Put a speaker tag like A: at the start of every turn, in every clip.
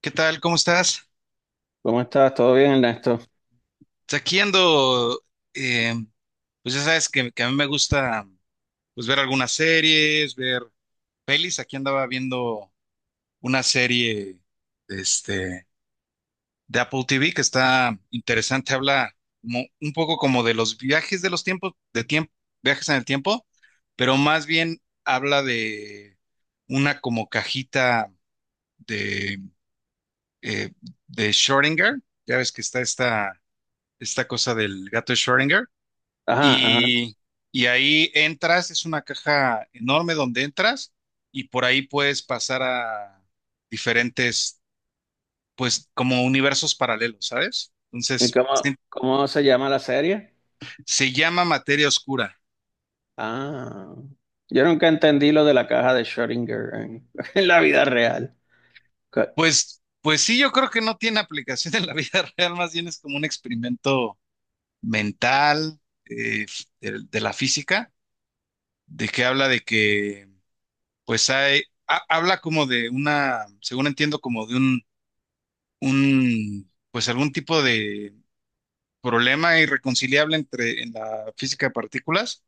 A: ¿Qué tal? ¿Cómo estás?
B: ¿Cómo estás? ¿Todo bien, Ernesto?
A: Pues aquí ando, eh, pues ya sabes que a mí me gusta pues ver algunas series, ver pelis. Aquí andaba viendo una serie este, de Apple TV que está interesante. Habla un poco como de los viajes de los tiempos, viajes en el tiempo, pero más bien habla de una como cajita de, eh, de Schrödinger. Ya ves que está esta cosa del gato de Schrödinger.
B: Ajá, ajá.
A: Y, y ahí entras, es una caja enorme donde entras y por ahí puedes pasar a diferentes, pues como universos paralelos, ¿sabes?
B: ¿Y
A: Entonces,
B: cómo,
A: se
B: cómo se llama la serie?
A: se llama materia oscura.
B: Ah, yo nunca entendí lo de la caja de Schrödinger en, en la vida real. Co-
A: Pues, pues sí, yo creo que no tiene aplicación en la vida real, más bien es como un experimento mental, eh, de la física, de que habla de que, pues hay, habla como de una, según entiendo, como de un pues algún tipo de problema irreconciliable entre en la física de partículas,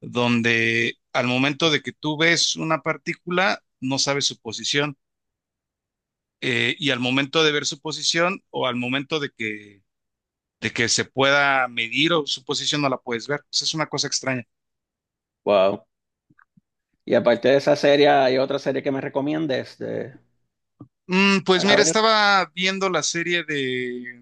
A: donde al momento de que tú ves una partícula, no sabes su posición, y al momento de ver su posición o al momento de que se pueda medir o su posición, no la puedes ver. Pues es una cosa extraña.
B: Wow. Y aparte de esa serie, ¿hay otra serie que me recomiendes de,
A: Mm, pues
B: para
A: mira,
B: ver?
A: estaba viendo la serie de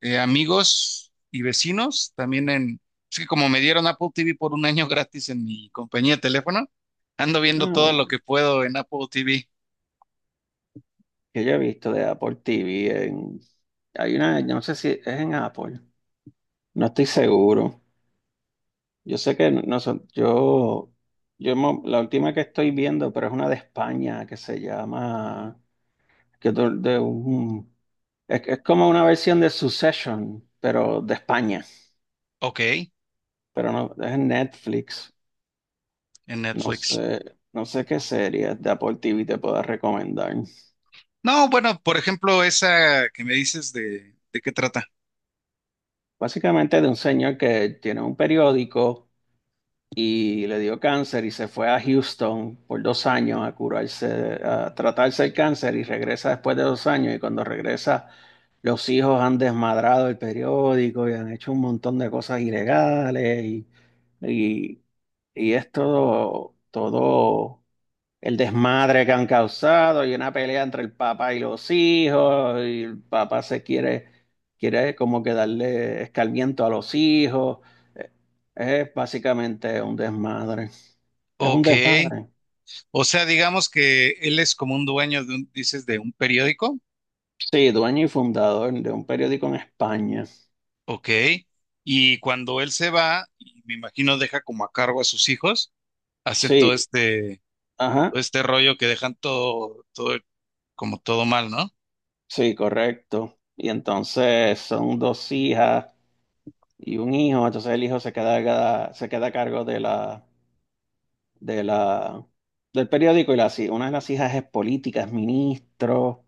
A: Amigos y Vecinos, también en... Es que como me dieron Apple TV por un año gratis en mi compañía de teléfono, ando viendo todo lo
B: Ah,
A: que puedo en Apple TV.
B: que yo he visto de Apple TV en, hay una, no sé si es en Apple, no estoy seguro. Yo sé que no son, yo mo- la última que estoy viendo, pero es una de España que se llama que to- de un- es como una versión de Succession, pero de España,
A: Ok, en
B: pero no, es en Netflix. No
A: Netflix.
B: sé, no sé qué series de Apple TV te puedo recomendar.
A: No, bueno, por ejemplo, esa que me dices ¿de qué trata?
B: Básicamente de un señor que tiene un periódico y le dio cáncer y se fue a Houston por dos años a curarse, a tratarse el cáncer y regresa después de dos años y cuando regresa los hijos han desmadrado el periódico y han hecho un montón de cosas ilegales y, y es todo el desmadre que han causado y una pelea entre el papá y los hijos y el papá se quiere, quiere como que darle escarmiento a los hijos. Eh, Es básicamente un desmadre. Es un
A: Ok,
B: desmadre.
A: o sea, digamos que él es como un dueño de un, dices, de un periódico.
B: Sí, dueño y fundador de un periódico en España.
A: Ok, y cuando él se va, y me imagino deja como a cargo a sus hijos, hacen
B: Sí, ajá,
A: todo este rollo que dejan todo, todo, como todo mal, ¿no?
B: sí, correcto. Y entonces son dos hijas y un hijo, entonces el hijo se queda a cargo de la, del periódico y las, hij- una de las hijas es política, es ministro,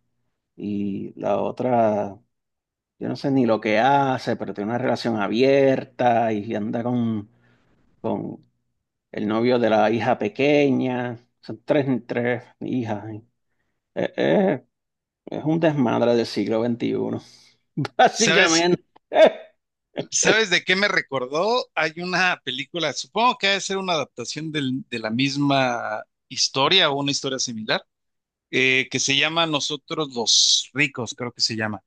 B: y la otra, yo no sé ni lo que hace, pero tiene una relación abierta y anda con el novio de la hija pequeña, son tres, tres hijas. Y- eh, eh, es un desmadre del siglo veintiuno
A: ¿Sabes,
B: básicamente.
A: sabes de qué me recordó? Hay una película, supongo que ha de ser una adaptación de la misma historia o una historia similar, que se llama Nosotros los Ricos, creo que se llama,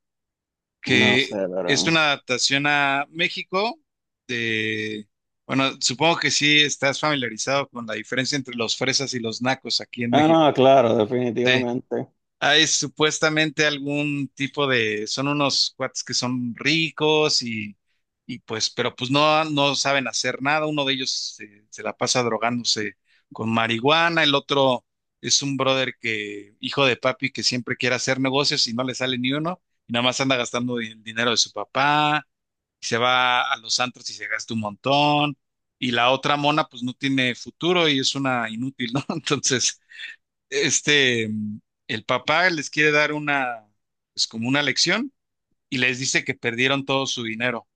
B: No
A: que
B: sé, pero...
A: es una adaptación a México de, bueno, supongo que sí estás familiarizado con la diferencia entre los fresas y los nacos aquí en
B: Ah,
A: México.
B: no, claro,
A: Sí.
B: definitivamente.
A: Hay supuestamente algún tipo de, son unos cuates que son ricos y pues, pero pues no, no saben hacer nada. Uno de ellos se la pasa drogándose con marihuana, el otro es un brother que, hijo de papi, que siempre quiere hacer negocios y no le sale ni uno, y nada más anda gastando el dinero de su papá, y se va a los antros y se gasta un montón, y la otra mona pues no tiene futuro y es una inútil, ¿no? Entonces este, mm, el papá les quiere dar una, pues como una lección y les dice que perdieron todo su dinero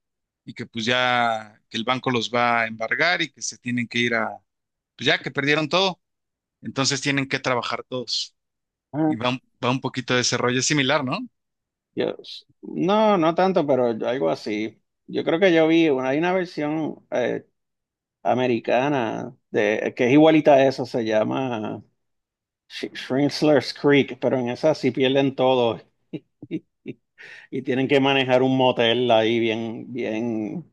A: y que pues ya, que el banco los va a embargar y que se tienen que ir a, pues ya que perdieron todo, entonces tienen que trabajar todos. Y
B: Ah,
A: va, va un poquito de ese rollo, es similar, ¿no?
B: yo, no, no tanto, pero algo así. Yo creo que yo vi, una- hay una versión americana de, que es igualita a eso, se llama Sh- Shrintzler's Creek, pero en esa sí pierden todo y tienen que manejar un motel ahí bien, bien,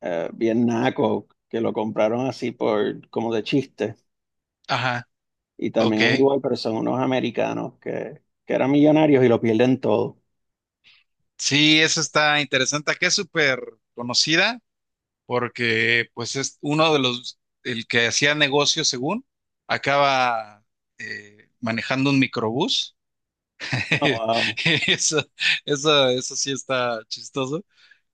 B: eh, bien naco, que lo compraron así por, como de chiste.
A: Ajá,
B: Y
A: ok.
B: también es igual, pero son unos americanos que eran millonarios y lo pierden todo.
A: Sí, eso está interesante, que es súper conocida porque pues es uno de los, el que hacía negocio según, acaba manejando un microbús.
B: Oh, wow.
A: Eso, eso sí está chistoso.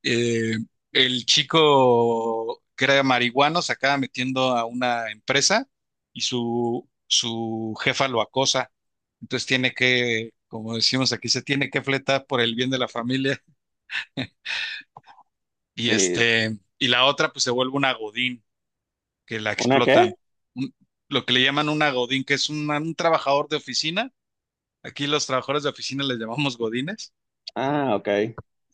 A: Eh, el chico que era marihuano se acaba metiendo a una empresa y su jefa lo acosa. Entonces tiene que, como decimos aquí, se tiene que fletar por el bien de la familia. Y
B: Sí.
A: este, y la otra, pues se vuelve una godín, que la
B: ¿Una
A: explotan.
B: qué?
A: Un- lo que le llaman una godín, que es un trabajador de oficina. Aquí los trabajadores de oficina les llamamos godines.
B: Ah, ok.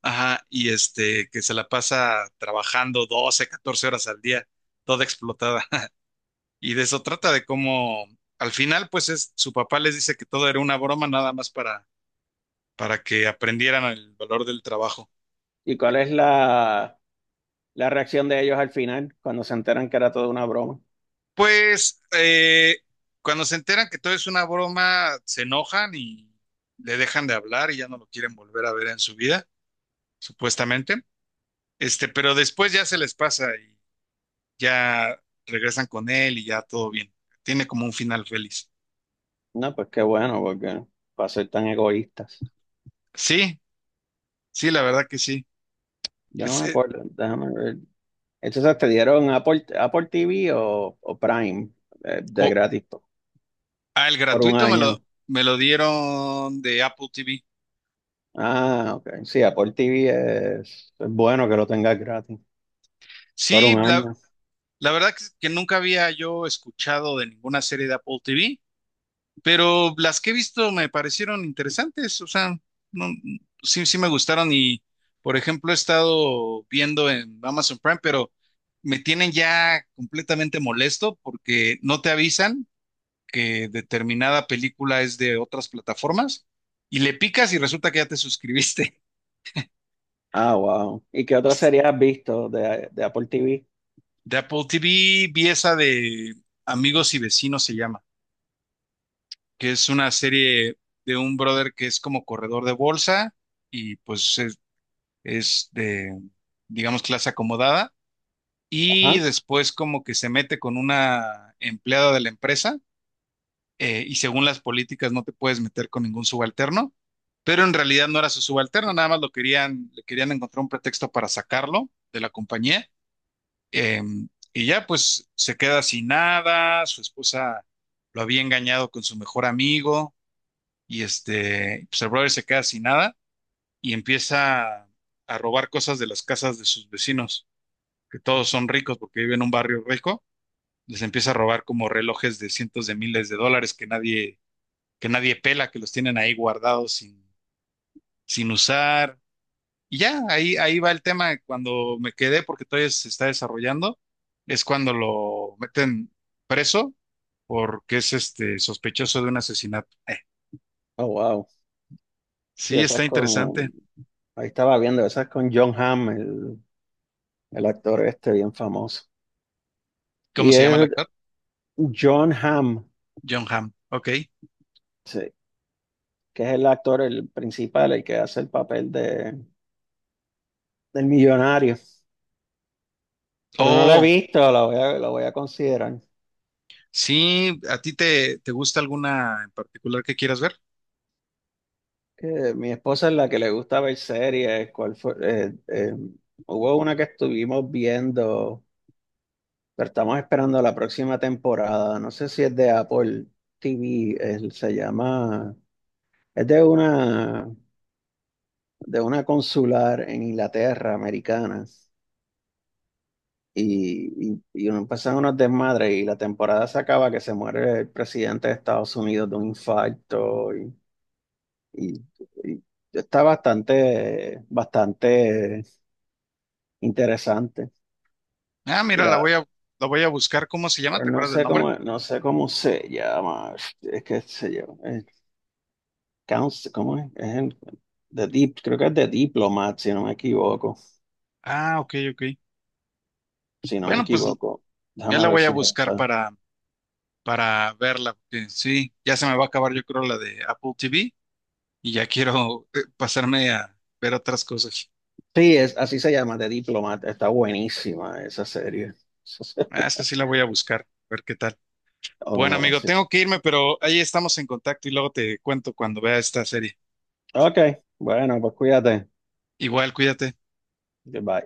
A: Ajá, y este, que se la pasa trabajando 12 14 horas al día, toda explotada. Y de eso trata de cómo, al final, pues es, su papá les dice que todo era una broma nada más para que aprendieran el valor del trabajo.
B: ¿Y cuál es la, la reacción de ellos al final cuando se enteran que era toda una broma?
A: Pues cuando se enteran que todo es una broma, se enojan y le dejan de hablar y ya no lo quieren volver a ver en su vida, supuestamente. Este, pero después ya se les pasa y ya regresan con él y ya todo bien. Tiene como un final feliz.
B: No, pues qué bueno, porque para ser tan egoístas.
A: Sí, sí, la verdad que sí.
B: Yo no
A: Es,
B: me acuerdo, déjame ver. Entonces te dieron Apple, Apple TV o Prime de,
A: co-
B: gratis po-
A: ah, el
B: por un
A: gratuito me
B: año.
A: me lo dieron de Apple TV.
B: Ah, ok. Sí, Apple TV es bueno que lo tengas gratis por un
A: Sí,
B: año.
A: la verdad que nunca había yo escuchado de ninguna serie de Apple TV, pero las que he visto me parecieron interesantes, o sea, no- sí, sí me gustaron y, por ejemplo, he estado viendo en Amazon Prime, pero me tienen ya completamente molesto porque no te avisan que determinada película es de otras plataformas y le picas y resulta que ya te suscribiste.
B: Ah, wow. ¿Y qué
A: O
B: otra serie has visto de Apple TV?
A: de Apple TV vi esa de Amigos y Vecinos se llama, que es una serie de un brother que es como corredor de bolsa y pues es de, digamos, clase acomodada y
B: Ajá.
A: después como que se mete con una empleada de la empresa, y según las políticas no te puedes meter con ningún subalterno, pero en realidad no era su subalterno, nada más lo querían, le querían encontrar un pretexto para sacarlo de la compañía. eh, y ya pues se queda sin nada, su esposa lo había engañado con su mejor amigo y este, pues el brother se queda sin nada y empieza a robar cosas de las casas de sus vecinos, que todos son ricos porque viven en un barrio rico, les empieza a robar como relojes de cientos de miles de dólares que nadie pela, que los tienen ahí guardados sin, sin usar. Y ya, ahí, ahí va el tema. Cuando me quedé, porque todavía se está desarrollando, es cuando lo meten preso porque es este sospechoso de un asesinato.
B: Oh, wow. Sí,
A: Sí,
B: esa es
A: está interesante.
B: con, ahí estaba viendo, esa es con John Hamm, el actor este bien famoso.
A: ¿Cómo
B: Y
A: se llama el
B: es
A: actor?
B: John Hamm,
A: John Hamm. Ok.
B: sí, que es el actor, el principal, el que hace el papel de, del millonario. Pero no la he
A: Oh,
B: visto, la voy a considerar.
A: sí, ¿a ti te gusta alguna en particular que quieras ver?
B: Que mi esposa es la que le gusta ver series. ¿Cuál fue? Hubo una que estuvimos viendo, pero estamos esperando la próxima temporada. No sé si es de Apple TV, se llama... Es de una consular en Inglaterra, americana, y uno empezaron unos desmadres y la temporada se acaba que se muere el presidente de Estados Unidos de un infarto y- y está bastante interesante.
A: Ah,
B: Y
A: mira, la
B: la,
A: voy la voy a buscar. ¿Cómo se llama?
B: pero
A: ¿Te
B: no
A: acuerdas del
B: sé
A: nombre?
B: cómo, no sé cómo se llama, es que se llama, Counsel- ¿cómo es? Es el- The deep creo que es de Diplomat, si no me equivoco,
A: Ah, ok, ok.
B: si no me
A: Bueno, pues
B: equivoco.
A: ya la
B: Déjame ver
A: voy a
B: si es
A: buscar
B: esa.
A: para verla, porque sí, ya se me va a acabar yo creo la de Apple TV y ya quiero pasarme a ver otras cosas.
B: Sí, es, así se llama, The Diplomat. Está buenísima esa serie.
A: Ah, esa sí la voy a buscar, a ver qué tal. Bueno,
B: Oh,
A: amigo,
B: sí.
A: tengo que irme, pero ahí estamos en contacto y luego te cuento cuando vea esta serie.
B: Ok, bueno, pues cuídate.
A: Igual, cuídate.
B: Goodbye.